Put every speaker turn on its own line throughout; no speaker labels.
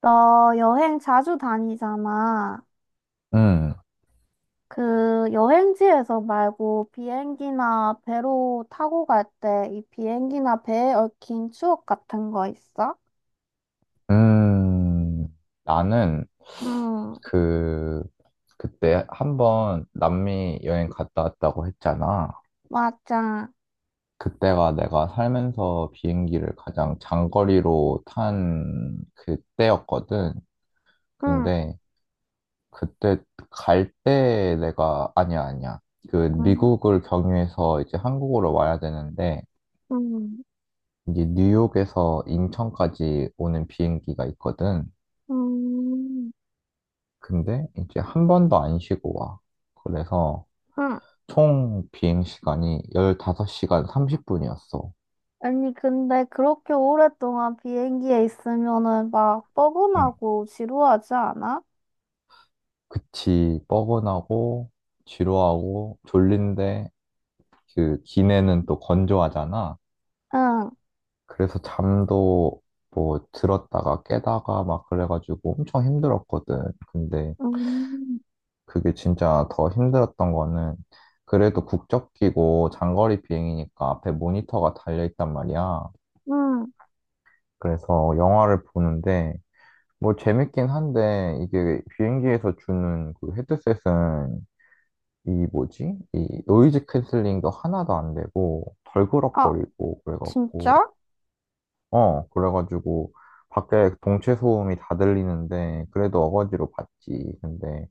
너 여행 자주 다니잖아.
음,
그 여행지에서 말고 비행기나 배로 타고 갈 때 이 비행기나 배에 얽힌 추억 같은 거 있어?
음, 나는
응,
그, 그때 한번 남미 여행 갔다 왔다고 했잖아.
맞아.
그때가 내가 살면서 비행기를 가장 장거리로 탄 그때였거든.
응,
근데 그때 갈 때 내가, 아니야, 아니야. 그
응,
미국을 경유해서 이제 한국으로 와야 되는데,
응,
이제 뉴욕에서 인천까지 오는 비행기가 있거든.
응.
근데 이제 한 번도 안 쉬고 와. 그래서
응.
총 비행 시간이 15시간 30분이었어.
아니, 근데 그렇게 오랫동안 비행기에 있으면은 막
응.
뻐근하고 지루하지 않아?
그치, 뻐근하고 지루하고 졸린데 그 기내는 또 건조하잖아.
응,
그래서 잠도 뭐 들었다가 깨다가 막 그래가지고 엄청 힘들었거든. 근데
음,
그게 진짜 더 힘들었던 거는 그래도 국적 끼고 장거리 비행이니까 앞에 모니터가 달려 있단 말이야.
응.
그래서 영화를 보는데 뭐 재밌긴 한데 이게 비행기에서 주는 그 헤드셋은 이 뭐지? 이 노이즈 캔슬링도 하나도 안 되고
아,
덜그럭거리고 그래갖고
진짜?
어 그래가지고 밖에 동체 소음이 다 들리는데 그래도 어거지로 봤지. 근데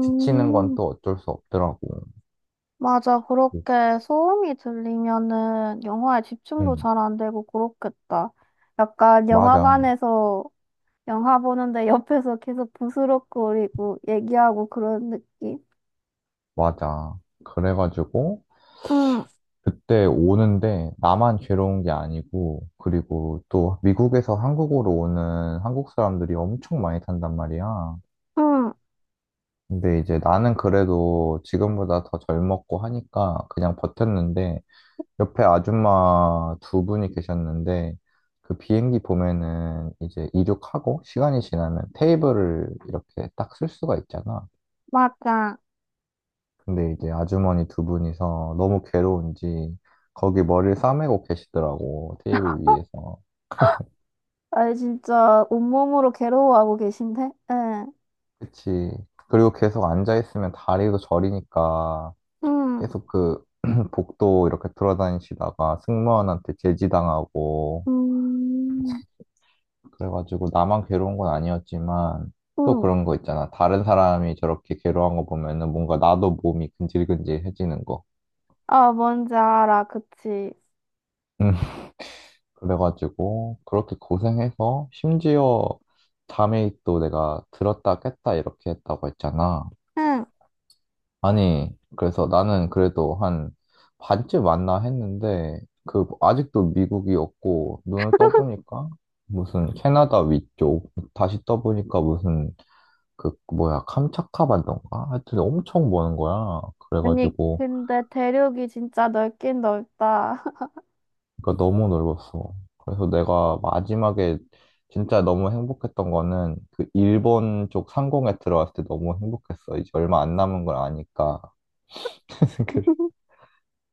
지치는 건 또 어쩔 수 없더라고.
맞아.
그게-
그렇게 소음이 들리면은 영화에 집중도
응,
잘 안 되고 그렇겠다. 약간
맞아,
영화관에서 영화 보는데 옆에서 계속 부스럭거리고 얘기하고 그런 느낌?
맞아. 그래가지고
응,
그때 오는데 나만 괴로운 게 아니고 그리고 또 미국에서 한국으로 오는 한국 사람들이 엄청 많이 탄단 말이야.
응,
근데 이제 나는 그래도 지금보다 더 젊었고 하니까 그냥 버텼는데 옆에 아줌마 두 분이 계셨는데 그 비행기 보면은 이제 이륙하고 시간이 지나면 테이블을 이렇게 딱 쓸 수가 있잖아.
맞아.
근데 이제 아주머니 두 분이서 너무 괴로운지 거기 머리를 싸매고 계시더라고 테이블 위에서.
아니, 진짜 온몸으로 괴로워하고 계신데? 응,
그치. 그리고 계속 앉아있으면 다리도 저리니까
응,
계속 그 복도 이렇게 돌아다니시다가 승무원한테 제지당하고
음,
그래가지고 나만 괴로운 건 아니었지만 또
응.
그런 거 있잖아. 다른 사람이 저렇게 괴로운 거 보면은 뭔가 나도 몸이 근질근질해지는 거.
아, 뭔지 알아. 그치.
음. 그래가지고 그렇게 고생해서 심지어 잠에 또 내가 들었다 깼다 이렇게 했다고 했잖아.
응.
아니, 그래서 나는 그래도 한 반쯤 왔나 했는데, 그, 아직도 미국이 없고, 눈을 떠보니까, 무슨 캐나다 위쪽, 다시 떠보니까 무슨, 그, 뭐야, 캄차카 반도인가? 하여튼 엄청 먼 거야.
아니,
그래가지고,
근데 대륙이 진짜 넓긴 넓다.
그러니까 너무 넓었어. 그래서 내가 마지막에 진짜 너무 행복했던 거는, 그 일본 쪽 상공에 들어왔을 때 너무 행복했어. 이제 얼마 안 남은 걸 아니까.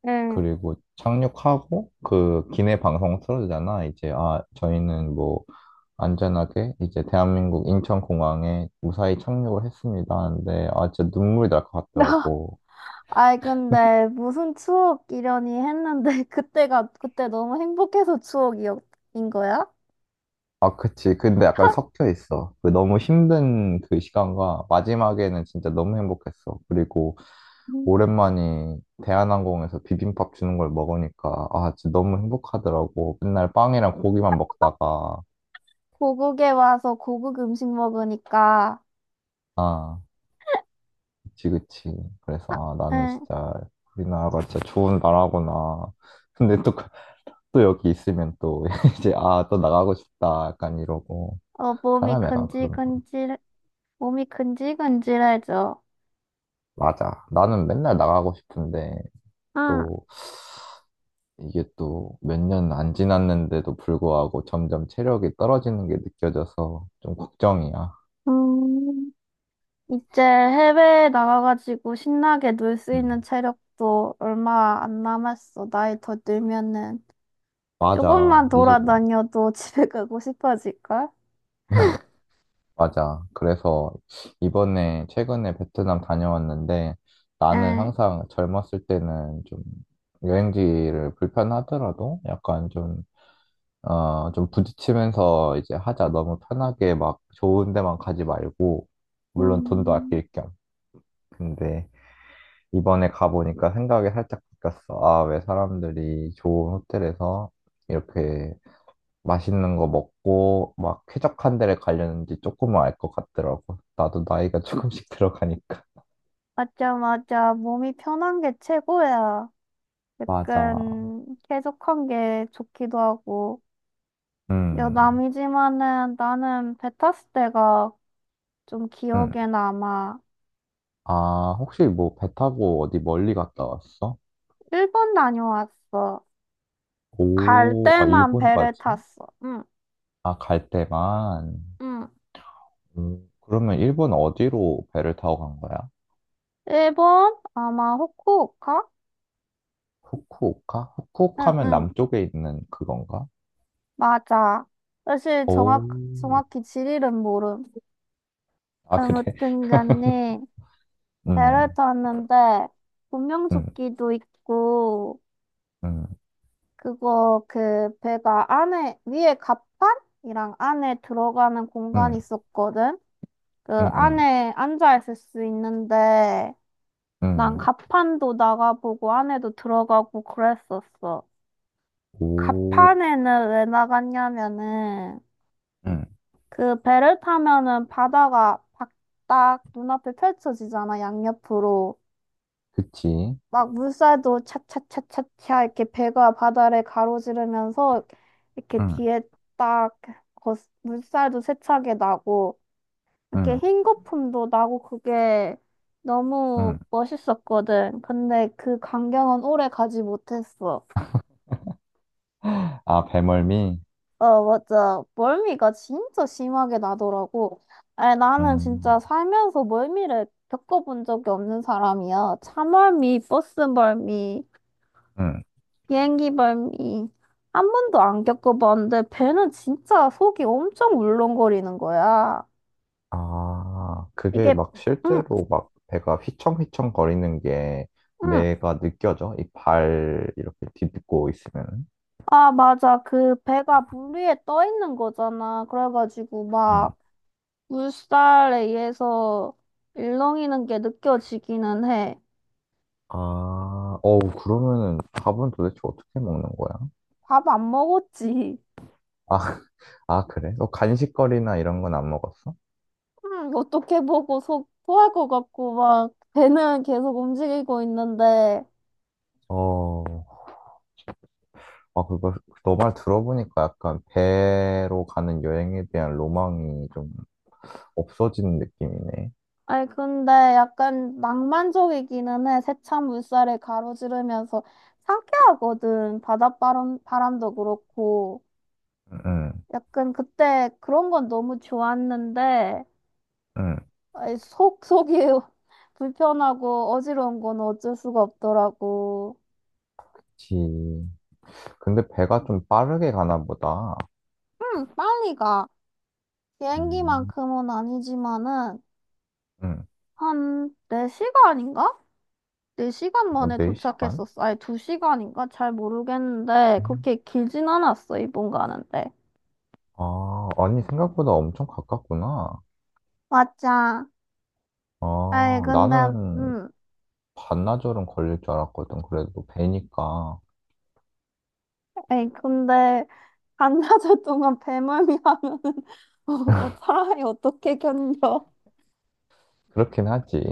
응.
그리고 착륙하고 그 기내 방송 틀어주잖아. 이제 아 저희는 뭐 안전하게 이제 대한민국 인천공항에 무사히 착륙을 했습니다. 하는데 아 진짜 눈물이 날 것 같더라고.
아이, 근데 무슨 추억이려니 했는데, 그때 너무 행복해서 추억이인 거야?
아 그치. 근데 약간 섞여 있어. 그 너무 힘든 그 시간과 마지막에는 진짜 너무 행복했어. 그리고
음.
오랜만에 대한항공에서 비빔밥 주는 걸 먹으니까 아 진짜 너무 행복하더라고. 맨날 빵이랑 고기만 먹다가
고국에 와서 고국 음식 먹으니까,
아. 그치, 그치. 그래서,
아,
아, 나는
응,
진짜, 우리나라가 진짜 좋은 나라구나. 근데 또, 그- 또 여기 있으면 또, 이제, 아, 또 나가고 싶다. 약간 이러고.
어,
사람이 약간 그런 거.
몸이 근질근질해져.
맞아. 나는 맨날 나가고 싶은데,
응,
또, 이게 또, 몇 년 안 지났는데도 불구하고 점점 체력이 떨어지는 게 느껴져서 좀 걱정이야.
음, 이제 해외에 나가가지고 신나게 놀 수 있는
음.
체력도 얼마 안 남았어. 나이 더 들면은.
맞아.
조금만 돌아다녀도 집에 가고 싶어질걸?
그래서 이번에 최근에 베트남 다녀왔는데 나는
응.
항상 젊었을 때는 좀 여행지를 불편하더라도 약간 좀, 어, 좀 부딪히면서 이제 하자. 너무 편하게 막 좋은 데만 가지 말고, 물론 돈도
음.
아낄 겸. 근데 이번에 가보니까 생각이 살짝 바뀌었어. 아, 왜 사람들이 좋은 호텔에서 이렇게 맛있는 거 먹고 막 쾌적한 데를 가려는지 조금은 알 것 같더라고. 나도 나이가 조금씩 들어가니까.
맞아, 맞아. 몸이 편한 게 최고야.
맞아.
약간 쾌적한 게 좋기도 하고.
음,
여남이지만은 나는 배 탔을 때가 좀
음.
기억에 남아.
아, 혹시 뭐 배 타고 어디 멀리 갔다 왔어?
일본 다녀왔어. 갈
오, 아,
때만 배를
일본까지?
탔어. 응,
아, 갈 때만.
응.
그러면 일본 어디로 배를 타고 간 거야?
일본? 아마 후쿠오카?
후쿠오카?
응,
후쿠오카면
응.
남쪽에 있는 그건가?
맞아. 사실
오,
정확히 지리는 모름.
아, 그래.
아무튼 간에 배를
음,
탔는데, 분명
음,
조끼도 있고,
음,
그거 그 배가 안에 위에 갑판이랑 안에 들어가는 공간이
음,
있었거든. 그
음, 음,
안에 앉아 있을 수 있는데 난
음.
갑판도 나가보고 안에도 들어가고 그랬었어.
오,
갑판에는 왜 나갔냐면은
응,
그 배를 타면은 바다가 딱 눈앞에 펼쳐지잖아, 양옆으로.
그치.
막 물살도 차차차차차 이렇게 배가 바다를 가로지르면서 이렇게
응,
뒤에 딱 거, 물살도 세차게 나고 이렇게
응,
흰 거품도 나고 그게 너무
응.
멋있었거든. 근데 그 광경은 오래 가지 못했어.
아, 배멀미?
어, 맞아. 멀미가 진짜 심하게 나더라고. 아니, 나는 진짜
음,
살면서 멀미를 겪어본 적이 없는 사람이야. 차멀미, 버스멀미.
음.
비행기 발미 한 번도 안 겪어봤는데 배는 진짜 속이 엄청 울렁거리는 거야.
아, 그게
이게
막
응,
실제로 막 배가 휘청휘청 거리는 게
응,
내가 느껴져? 이 발 이렇게 딛고 있으면은?
아, 맞아. 그 배가 물 위에 떠 있는 거잖아. 그래가지고
음.
막 물살에 의해서 일렁이는 게 느껴지기는 해.
아, 어우, 그러면은 밥은 도대체 어떻게 먹는 거야?
밥 안 먹었지.
아, 아, 그래? 너 간식거리나 이런 건 안 먹었어?
응, 어떻게 보고 속 토할 것 같고 막 배는 계속 움직이고 있는데.
어, 아, 그거, 너 말 들어보니까 약간 배로 가는 여행에 대한 로망이 좀 없어지는 느낌이네.
아니, 근데 약간 낭만적이기는 해. 세찬 물살에 가로지르면서 상쾌하거든. 바닷바람, 바람도 그렇고.
응,
약간 그때 그런 건 너무 좋았는데,
응, 그
아이, 속이 불편하고 어지러운 건 어쩔 수가 없더라고.
지 근데 배가 좀 빠르게 가나 보다.
응, 빨리 가.
응,
비행기만큼은 아니지만은,
응.
한 4시간인가? 4시간
뭐,
만에
4시간?
도착했었어. 아니, 2시간인가? 잘 모르겠는데, 그렇게 길진 않았어, 일본 가는데.
아, 아니, 생각보다 엄청 가깝구나.
맞아. 아이,
아,
근데,
나는
음,
반나절은 걸릴 줄 알았거든. 그래도 배니까.
아이, 근데, 반나절 동안 배멀미 하면은, 어, 사람이 어떻게 견뎌?
그렇긴 하지.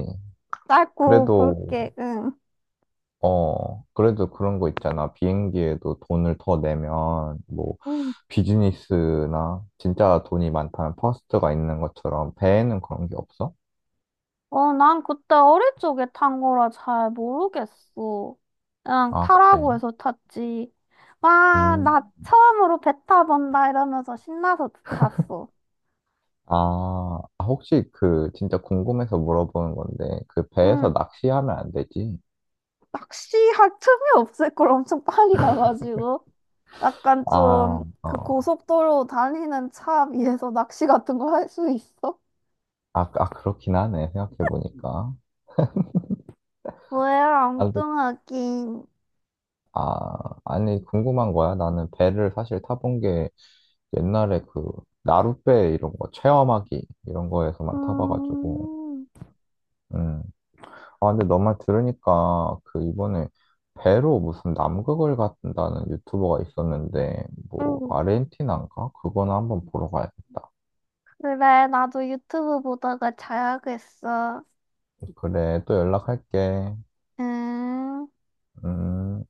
짧고
그래도,
굵게, 응.
어, 그래도 그런 거 있잖아. 비행기에도 돈을 더 내면, 뭐,
응.
비즈니스나 진짜 돈이 많다면 퍼스트가 있는 것처럼 배에는 그런 게 없어?
어, 난 그때 어릴 적에 탄 거라 잘 모르겠어. 그냥
아, 그래?
타라고 해서 탔지. 와,
음.
나 처음으로 배 타본다 이러면서 신나서 탔어.
아, 아, 혹시 그 진짜 궁금해서 물어보는 건데 그 배에서
음,
낚시하면 안 되지?
낚시할 틈이 없을 걸 엄청 빨리 가가지고 약간
아,
좀 그
어.
고속도로 달리는 차 위에서 낚시 같은 걸 할 수 있어?
아, 아 그렇긴 하네. 생각해 보니까.
뭐야,
아, 근데-
엉뚱하긴.
아, 아니 궁금한 거야. 나는 배를 사실 타본 게 옛날에 그 나룻배 이런 거 체험하기 이런 거에서만 타봐가지고.
음,
음. 아, 근데 너 말 들으니까 그 이번에 배로 무슨 남극을 갔다는 유튜버가 있었는데 뭐
음,
아르헨티나인가? 그거는 한번 보러 가야겠다.
그래, 나도 유튜브 보다가 자야겠어.
그래, 또 연락할게.
음.
음.